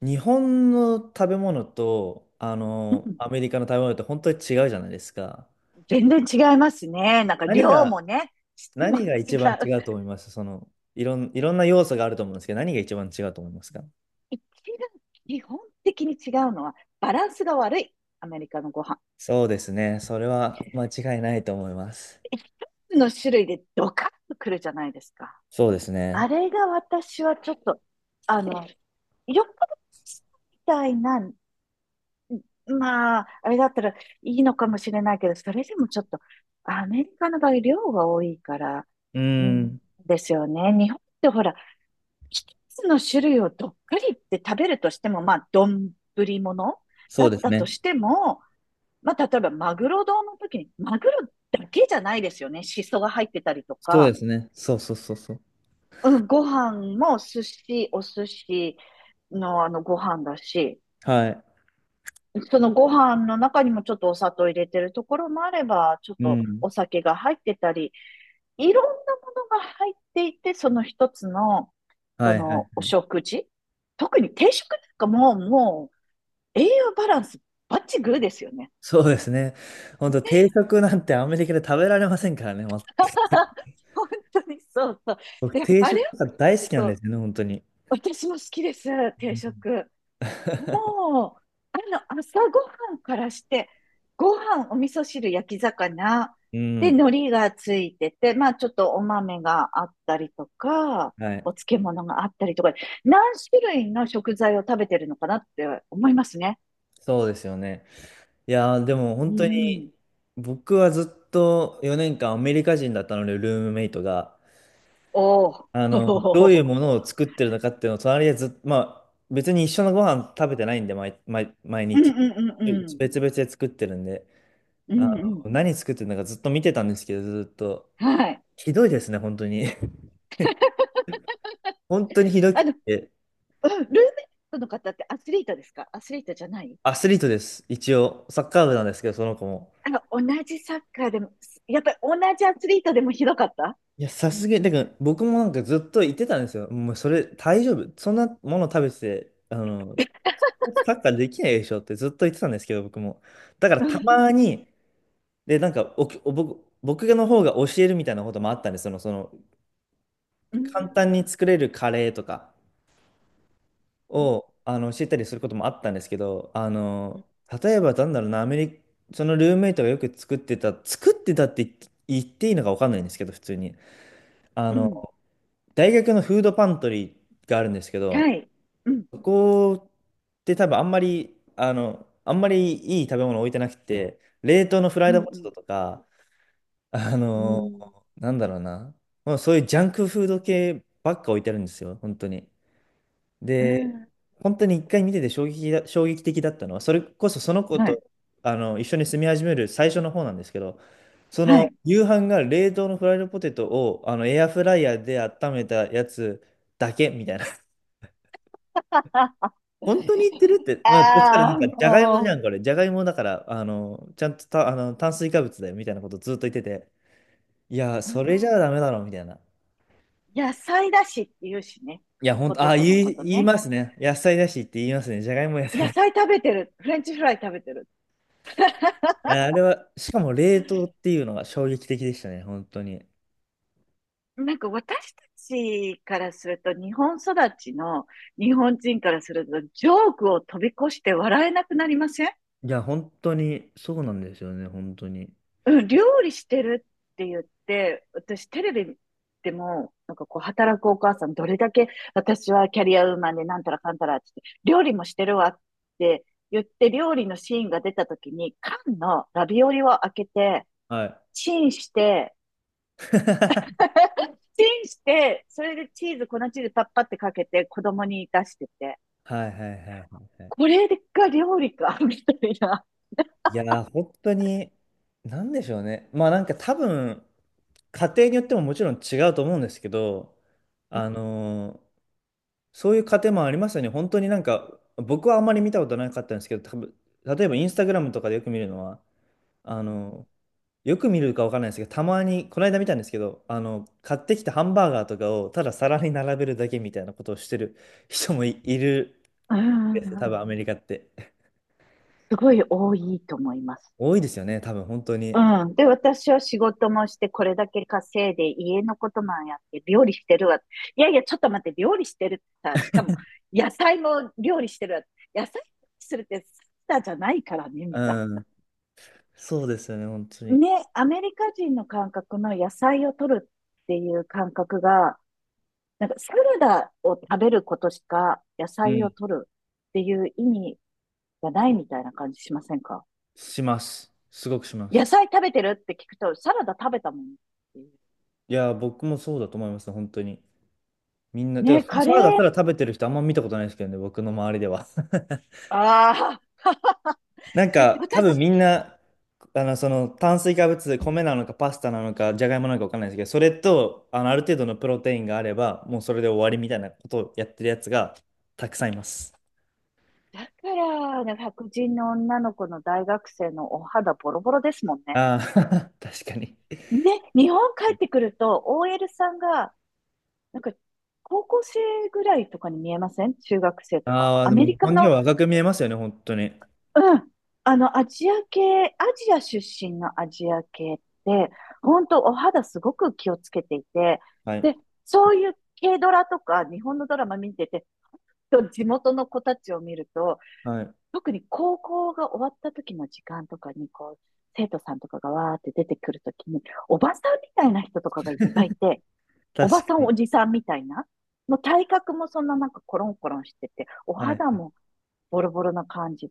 日本の食べ物と、うん、アメリカの食べ物って本当に違うじゃないですか。全然違いますね。なんか何量が、もね、質も何が違一番違う。うと思いますその、いろんな要素があると思うんですけど、何が一番違うと思いますか。一番基本的に違うのはバランスが悪い。アメリカのご飯。そうですね。それは間違いないと思います。一つの種類でドカッとくるじゃないですか。そうですあね。れが私はちょっと、あの、よっぽどみたいな、まあ、あれだったらいいのかもしれないけど、それでもちょっと、アメリカの場合量が多いから、ううーん、ん。ですよね。日本ってほら、一つの種類をどっくりって食べるとしても、まあ、丼ものそだうっですたとね。しても、まあ、例えばマグロ丼の時に、マグロだけじゃないですよね。シソが入ってたりとそうでか、すね。そうそうそうそう。うん、ご飯もお寿司のあのご飯だし、はい。そのご飯の中にもちょっとお砂糖入れてるところもあれば、ちょっうとん。お酒が入ってたり、いろんなものが入っていて、その一つの、こはいはのおい。食事。特に定食なんかもう、栄養バランスバッチグーですよね。そうですね。本当定食なんてアメリカで食べられませんからね。ま。 本当にそうそう。僕、で定あれを食食が大好うきなんでと、すよね、本当に。私も好きです、定食。もう、朝ごはんからして、ご飯、お味噌汁、焼き魚、うで、ん、海苔がついてて、まあ、ちょっとお豆があったりとか、はい。お漬物があったりとか、何種類の食材を食べてるのかなって思いますね。そうですよね。いやー、でもう本当に、ん。僕はずっと4年間アメリカ人だったので、ルームメイトが。おー。どういう ものを作ってるのかっていうのを、隣でずっと、まあ、別に一緒のご飯食べてないんで、毎うん日。うんうんうん。別々で作ってるんで、うあんうん。何作ってるのかずっと見てたんですけど、ずっと。はい。ひどいですね、本当に。本当にひどくあの、うて。んルーメイトの方ってアスリートですかアスリートじゃない？アスリートです。一応、サッカー部なんですけど、その子も。同じサッカーでも、やっぱり同じアスリートでもひどかった？いや、さすがに、だから僕もなんかずっと言ってたんですよ。もうそれ大丈夫。そんなもの食べてて、サッカーできないでしょってずっと言ってたんですけど、僕も。だからうたん、まに、で、なんかおきお僕の方が教えるみたいなこともあったんです。う簡単ん、に作れるカレーとかうん、を、教えたりすることもあったんですけど、例えばなんだろうな、アメリカ、そのルームメイトがよく作ってたって言っていいのかわかんないんですけど、普通に。あうのん、大学のフードパントリーがあるんですけど、はい。うん、そこって多分あんまり、あんまりいい食べ物置いてなくて、冷凍のフラうイん、ドうポテトん、とか、あうの、ん、なんだろうな、もうそういうジャンクフード系ばっか置いてあるんですよ、本当に。で、本当に一回見てて衝撃的だったのは、それこそその子はい、と、一緒に住み始める最初の方なんですけど、そはのい。夕飯が冷凍のフライドポテトをあのエアフライヤーで温めたやつだけみたいなあ、本当に言ってるって、まあ、そしたらなあんあ、か、じゃがいもじゃもん、これ。じゃがいもだから、ちゃんとた、あの、炭水化物だよ、みたいなことずっと言ってて、いや、う、それじゃダメだろ、みたいな。野菜だしって言うしね。いや、本ポ当、テトのこと言いね。ますね。野菜だしって言いますね。じゃがいも野菜野だ。い菜食べてる。フレンチフライ食べてる。やあれは、しかも冷凍っていうのが衝撃的でしたね、本当に。なんか私たちからすると、日本育ちの日本人からすると、ジョークを飛び越して笑えなくなりません？いや、本当に、そうなんですよね、本当に。うん、料理してるって言って、私テレビでも、なんかこう、働くお母さん、どれだけ私はキャリアウーマンでなんたらかんたらって言って、料理もしてるわって言って、料理のシーンが出た時に、缶のラビオリを開けて、はい。チンして、チンして、それでチーズ、粉チーズパッパってかけて、子供に出してて、はいはいはいはいはい。これが料理か、みたいな。いやー、本当に、なんでしょうね。まあなんか多分、家庭によってももちろん違うと思うんですけど、うあのーそういう家庭もありますよね。本当になんか、僕はあんまり見たことなかったんですけど、多分例えばインスタグラムとかでよく見るのは、あのーよく見るかわからないですけど、たまに、この間見たんですけど、買ってきたハンバーガーとかをただ皿に並べるだけみたいなことをしてる人もい、いるんうんんですよ、う多分アメリん、カって。すごい多いと思います。多いですよね、多分本当に。うん。で、私は仕事もして、これだけ稼いで、家のこともやって、料理してるわ。いやいや、ちょっと待って、料理してるってさ、しかも、野菜も料理してるわ。野菜するってサラダじゃないからね、みたいうな。ん。そうですよね、本当に。ね、アメリカ人の感覚の野菜を取るっていう感覚が、なんかサラダを食べることしか野う菜ん。を取るっていう意味がないみたいな感じしませんか？します。すごくしま野す。菜食べてるって聞くと、サラダ食べたもんっていう。いや、僕もそうだと思いますね、本当に。みんな、てね、か、そのカサレラダーただ食べてる人あんま見たことないですけどね、僕の周りでは。ああ、なん か、多分私、みんな、その炭水化物、米なのかパスタなのか、じゃがいもなのかわかんないですけど、それと、ある程度のプロテインがあれば、もうそれで終わりみたいなことをやってるやつがたくさんいます。だから、ね、白人の女の子の大学生のお肌ボロボロですもんね。ああ、確かに。ね、日本帰ってくると、OL さんが、なんか、高校生ぐらいとかに見えません？中学生とか。ああ、アでもメ日リカ本人の、は若く見えますよね、本当に。うん、アジア出身のアジア系って、本当お肌すごく気をつけていて、はい。で、そういう軽ドラとか日本のドラマ見てて、と地元の子たちを見ると、はい。特に高校が終わった時の時間とかに、こう、生徒さんとかがわーって出てくるときに、おばさんみたいな人とかがいっぱいいて、お確ばさかんに。おじさんみたいな、もう体格もそんななんかコロンコロンしてて、おは肌い。もボロボロな感じ。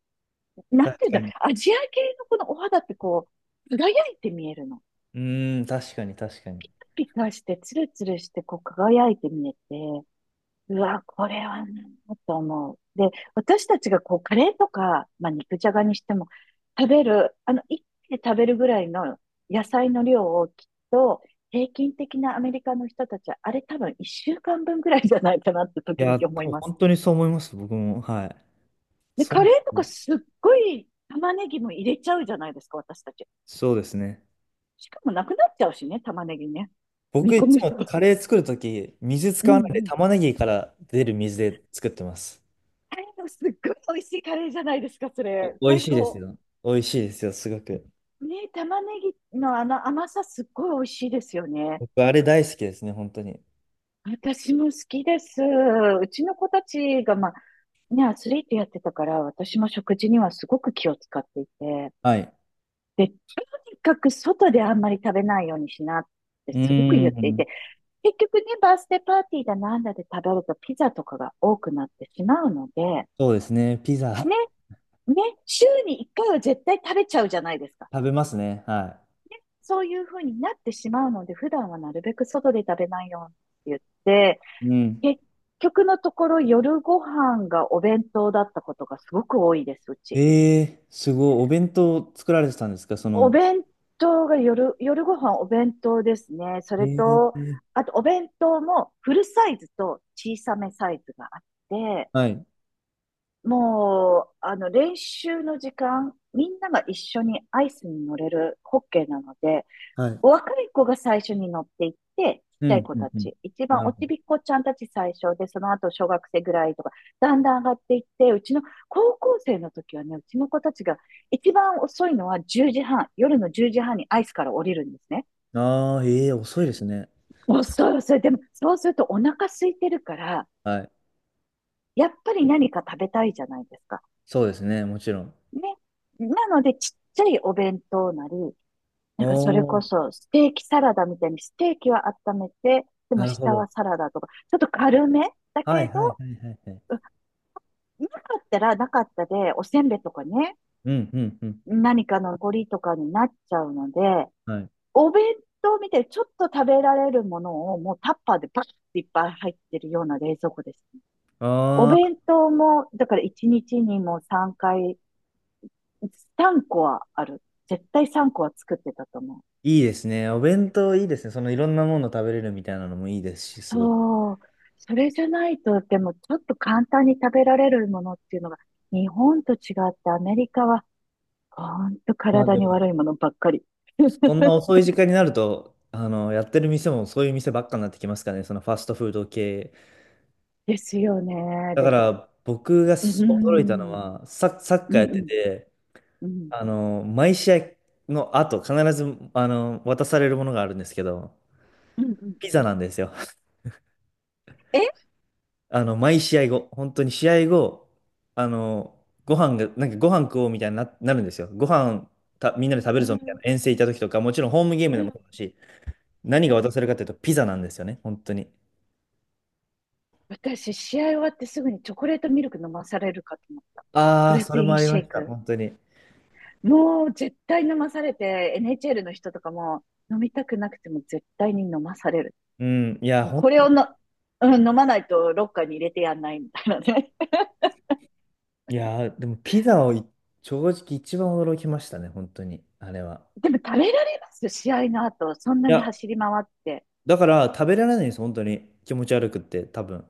なん確ていうんかだろう、に。アジア系のこのお肌ってこう、輝いて見えるの。うーん、確かに、確かに。ピカピカして、ツルツルして、こう輝いて見えて、うわ、これはなと思う。で、私たちがこう、カレーとか、まあ、肉じゃがにしても、食べる、あの、一気で食べるぐらいの野菜の量をきっと、平均的なアメリカの人たちは、あれ多分一週間分ぐらいじゃないかなってい時々や、多思い分ます。本当にそう思います、僕も。はい。で、そカうレでーとかす。すっごい玉ねぎも入れちゃうじゃないですか、私たち。そうですね。しかもなくなっちゃうしね、玉ねぎね。僕煮込いつむも人。カレー作るとき、水う使んうわないでん。玉ねぎから出る水で作ってます。あれのすっごい美味しいカレーじゃないですか、そお、れ。美味最しいです高。よ。美味しいですよ、すごく。ね、玉ねぎのあの甘さすっごい美味しいですよね。僕、あれ大好きですね、本当に。私も好きです。うちの子たちが、まあ、ね、アスリートやってたから、私も食事にはすごく気を使っていて、はい。で、とにかく外であんまり食べないようにしなってうすごくー言っていて、ん。結局ね、バースデーパーティーだなんだで食べるとピザとかが多くなってしまうので、ね、そうですね。ピザ。 ね、週に1回は絶対食べちゃうじゃないですか。食べますね。はそういうふうになってしまうので、普段はなるべく外で食べないようにってい。うん。言って、結局のところ夜ご飯がお弁当だったことがすごく多いです、うち。えー、すごい。お弁当作られてたんですかそおの。弁当が夜ご飯お弁当ですね。そえれと、ー、あとお弁当もフルサイズと小さめサイズがあって、はい。もう、練習の時間、みんなが一緒にアイスに乗れるホッケーなので、はい。お若い子が最初に乗っていって、ちっうちゃん、い子うん、たうん。ち、一番なるおほちびっこちゃんたち最初で、その後小学生ぐらいとか、だんだん上がっていって、うちの高校生の時はね、うちの子たちが一番遅いのは1時半、夜の10時半にアイスから降りるんですね。ど。ああ、ええー、遅いですね。遅い遅い。でも、そうするとお腹空いてるから、はい。やっぱり何か食べたいじゃないですか。そうですね、もちろん。ね。なので、ちっちゃいお弁当なり、おなんかそれこー、そ、ステーキサラダみたいに、ステーキは温めて、でもなるほ下ど。はサラダとか、ちょっと軽めだはいけど、はいはいはいはい。うんなかったらなかったで、おせんべいとかね、うんうんうん。何かの残りとかになっちゃうので、はい。お弁当みたいにちょっと食べられるものをもうタッパーでバッていっぱい入ってるような冷蔵庫ですね。おああ、弁当も、だから1日にちにも3回、3個はある。絶対3個は作ってたと思う。いいですね。お弁当いいですね。そのいろんなもの食べれるみたいなのもいいですし、すごく。そう。それじゃないと、でもちょっと簡単に食べられるものっていうのが、日本と違ってアメリカは、ほんとまあ体でにも、悪いものばっかり。そんな遅 い時間になると、やってる店もそういう店ばっかになってきますからね、そのファストフード系。ですよね。だかで、ら、僕がうん、しう驚いたのん、は、サッうカーやっん、うてん、て、うん、毎試合の後、必ず、渡されるものがあるんですけど、うピん。ザなんですよ。え毎試合後、本当に試合後、あの、ご飯が、なんかご飯食おうみたいなるんですよ。ご飯た、みんなで食べうるぞみたいなん、遠征行った時とか、もちろんホームゲームうでもん、そうだし、何うが渡ん。せるかというとピザなんですよね、本当に。私、試合終わってすぐにチョコレートミルク飲まされるかと思った。プああ、ロそテれもインありシまェイした、ク。本当に。もう絶対飲まされて、NHL の人とかも飲みたくなくても絶対に飲まされる。うん、いや、もうほん、これをの、うん、飲まないとロッカーに入れてやんないみたいなね。いや、でもピザをい正直一番驚きましたね、本当に、あれは。でも食べられます試合の後？そんないにや、走り回って。だから食べられないんです、本当に。気持ち悪くって、多分。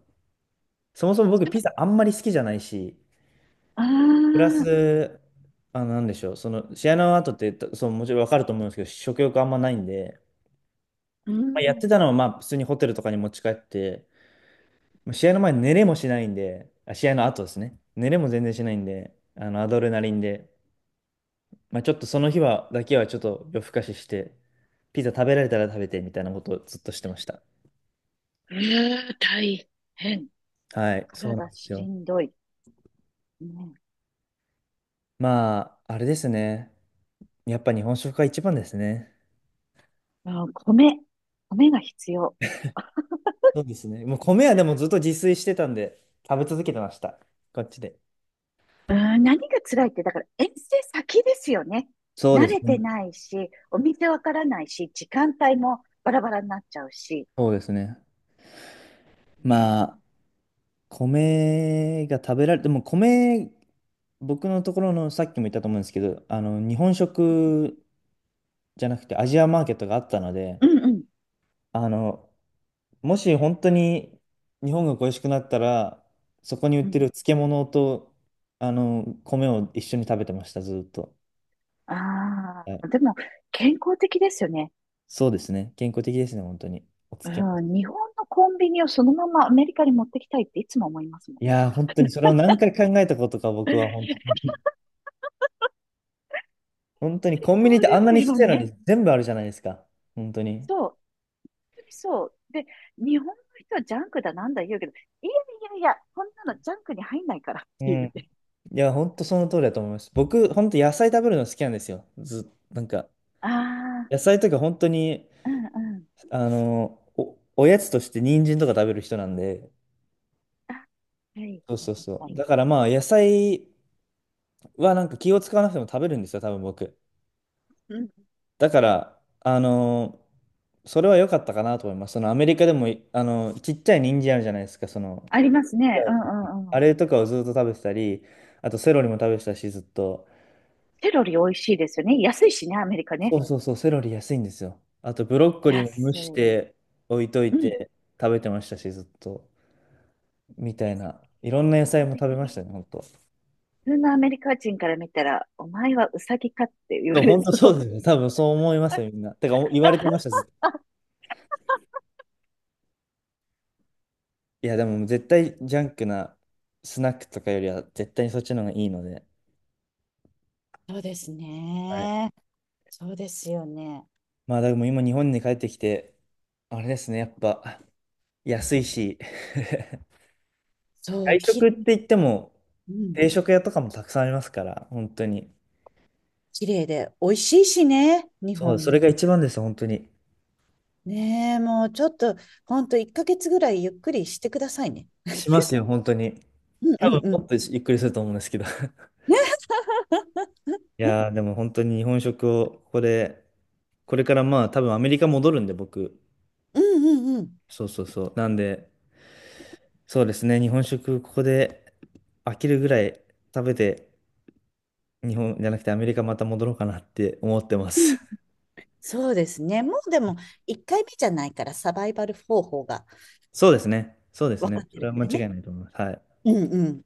そもそも僕ピザあんまり好きじゃないし、ああ、プラうス、あ、なんでしょう、その試合の後って、そう、もちろん分かると思うんですけど、食欲あんまないんで、ん。まあ、やってたのは、まあ、普通にホテルとかに持ち帰って、まあ試合の前、寝れもしないんで、あ、試合の後ですね、寝れも全然しないんで、あのアドレナリンで、まあ、ちょっとその日はだけはちょっと夜更かしして、ピザ食べられたら食べてみたいなことをずっとしてました。大変。はい、そうなん体ですしよ。んどい。ね、まあ、あれですね、やっぱ日本食が一番ですね。うん、米が必要。そうですね。もう米はでもずっと自炊してたんで、食べ続けてました。こっちで。うん、何が辛いって、だから遠征先ですよね。そうで慣すれね。てないし、お店わからないし、時間帯もバラバラになっちゃうし。そうですね。まね。あ、米が食べられて、もう米、僕のところのさっきも言ったと思うんですけど、日本食じゃなくてアジアマーケットがあったので、うんうん。あの、もし本当に日本が恋しくなったら、そこに売っうてんる漬物と、米を一緒に食べてました、ずっと。あはい、あ、でも健康的ですよね。そうですね。健康的ですね、本当に。お漬うん、物。日本のコンビニをそのままアメリカに持ってきたいっていつも思いますもん。いやー、本当にそれを何回考えたことか、僕は本当に。本当にコンビニっそうてあでんなすにちっよちゃいのね。に全部あるじゃないですか。本当に。そう。本当にそう。で、日本の人はジャンクだなんだ言うけど、いやいやいや、こんなのジャンクに入んないからっうていん。いうね。や、本当その通りだと思います。僕、本当野菜食べるの好きなんですよ。ず、なんか、ああ、野菜とか本当に、うんうん。おやつとして人参とか食べる人なんで。あ、はいそうはそいうそはう。い。だからまあ、野菜はなんか気を使わなくても食べるんですよ、多分僕。うん。だから、あの、それは良かったかなと思います。そのアメリカでも、ちっちゃい人参あるじゃないですか、その、ありますいやね。うんうんうあん。れとかをずっと食べてたり、あとセロリも食べてたし、ずっと。セロリ美味しいですよね。安いしね、アメリカね。そうそうそう、セロリ安いんですよ。あとブロッコリーも蒸安しい。て置いとういん。て食べてましたし、ずっと。みたいな。い健ろんな野菜康も食べました的。ね、本当。普通のアメリカ人から見たら、お前はウサギかって言わそう、れ本当そそうでう。すね。多分そう思いますよ、みんな。てか、言われてました、ずっと。いや、でも絶対ジャンクなスナックとかよりは絶対にそっちの方がいいので。そうですはい。ね。そうですよね。まあ、でも今日本に帰ってきて、あれですね、やっぱ安いし。 そう、外食って言っても、うん、定食屋とかもたくさんありますから、本当に。綺麗で、美味しいしね、日そう、本それね。が一番です本当に。ねえ、もうちょっと、ほんと1ヶ月ぐらいゆっくりしてくださいね。しますよ、本当に。うん多う分、んうん。もっとゆっくりすると思うんですけど。ね、いうんやー、でも本当に日本食を、ここで、これからまあ、多分アメリカ戻るんで、僕。うんうん。そうそうそう。なんで、そうですね、日本食、ここで飽きるぐらい食べて、日本じゃなくてアメリカまた戻ろうかなって思ってまうす。ん、そうですね。もうでも、1回目じゃないから、サバイバル方法がそうですね、そうです分ね。かってそれるはか間違らいね。ないと思います。はい。うんうん。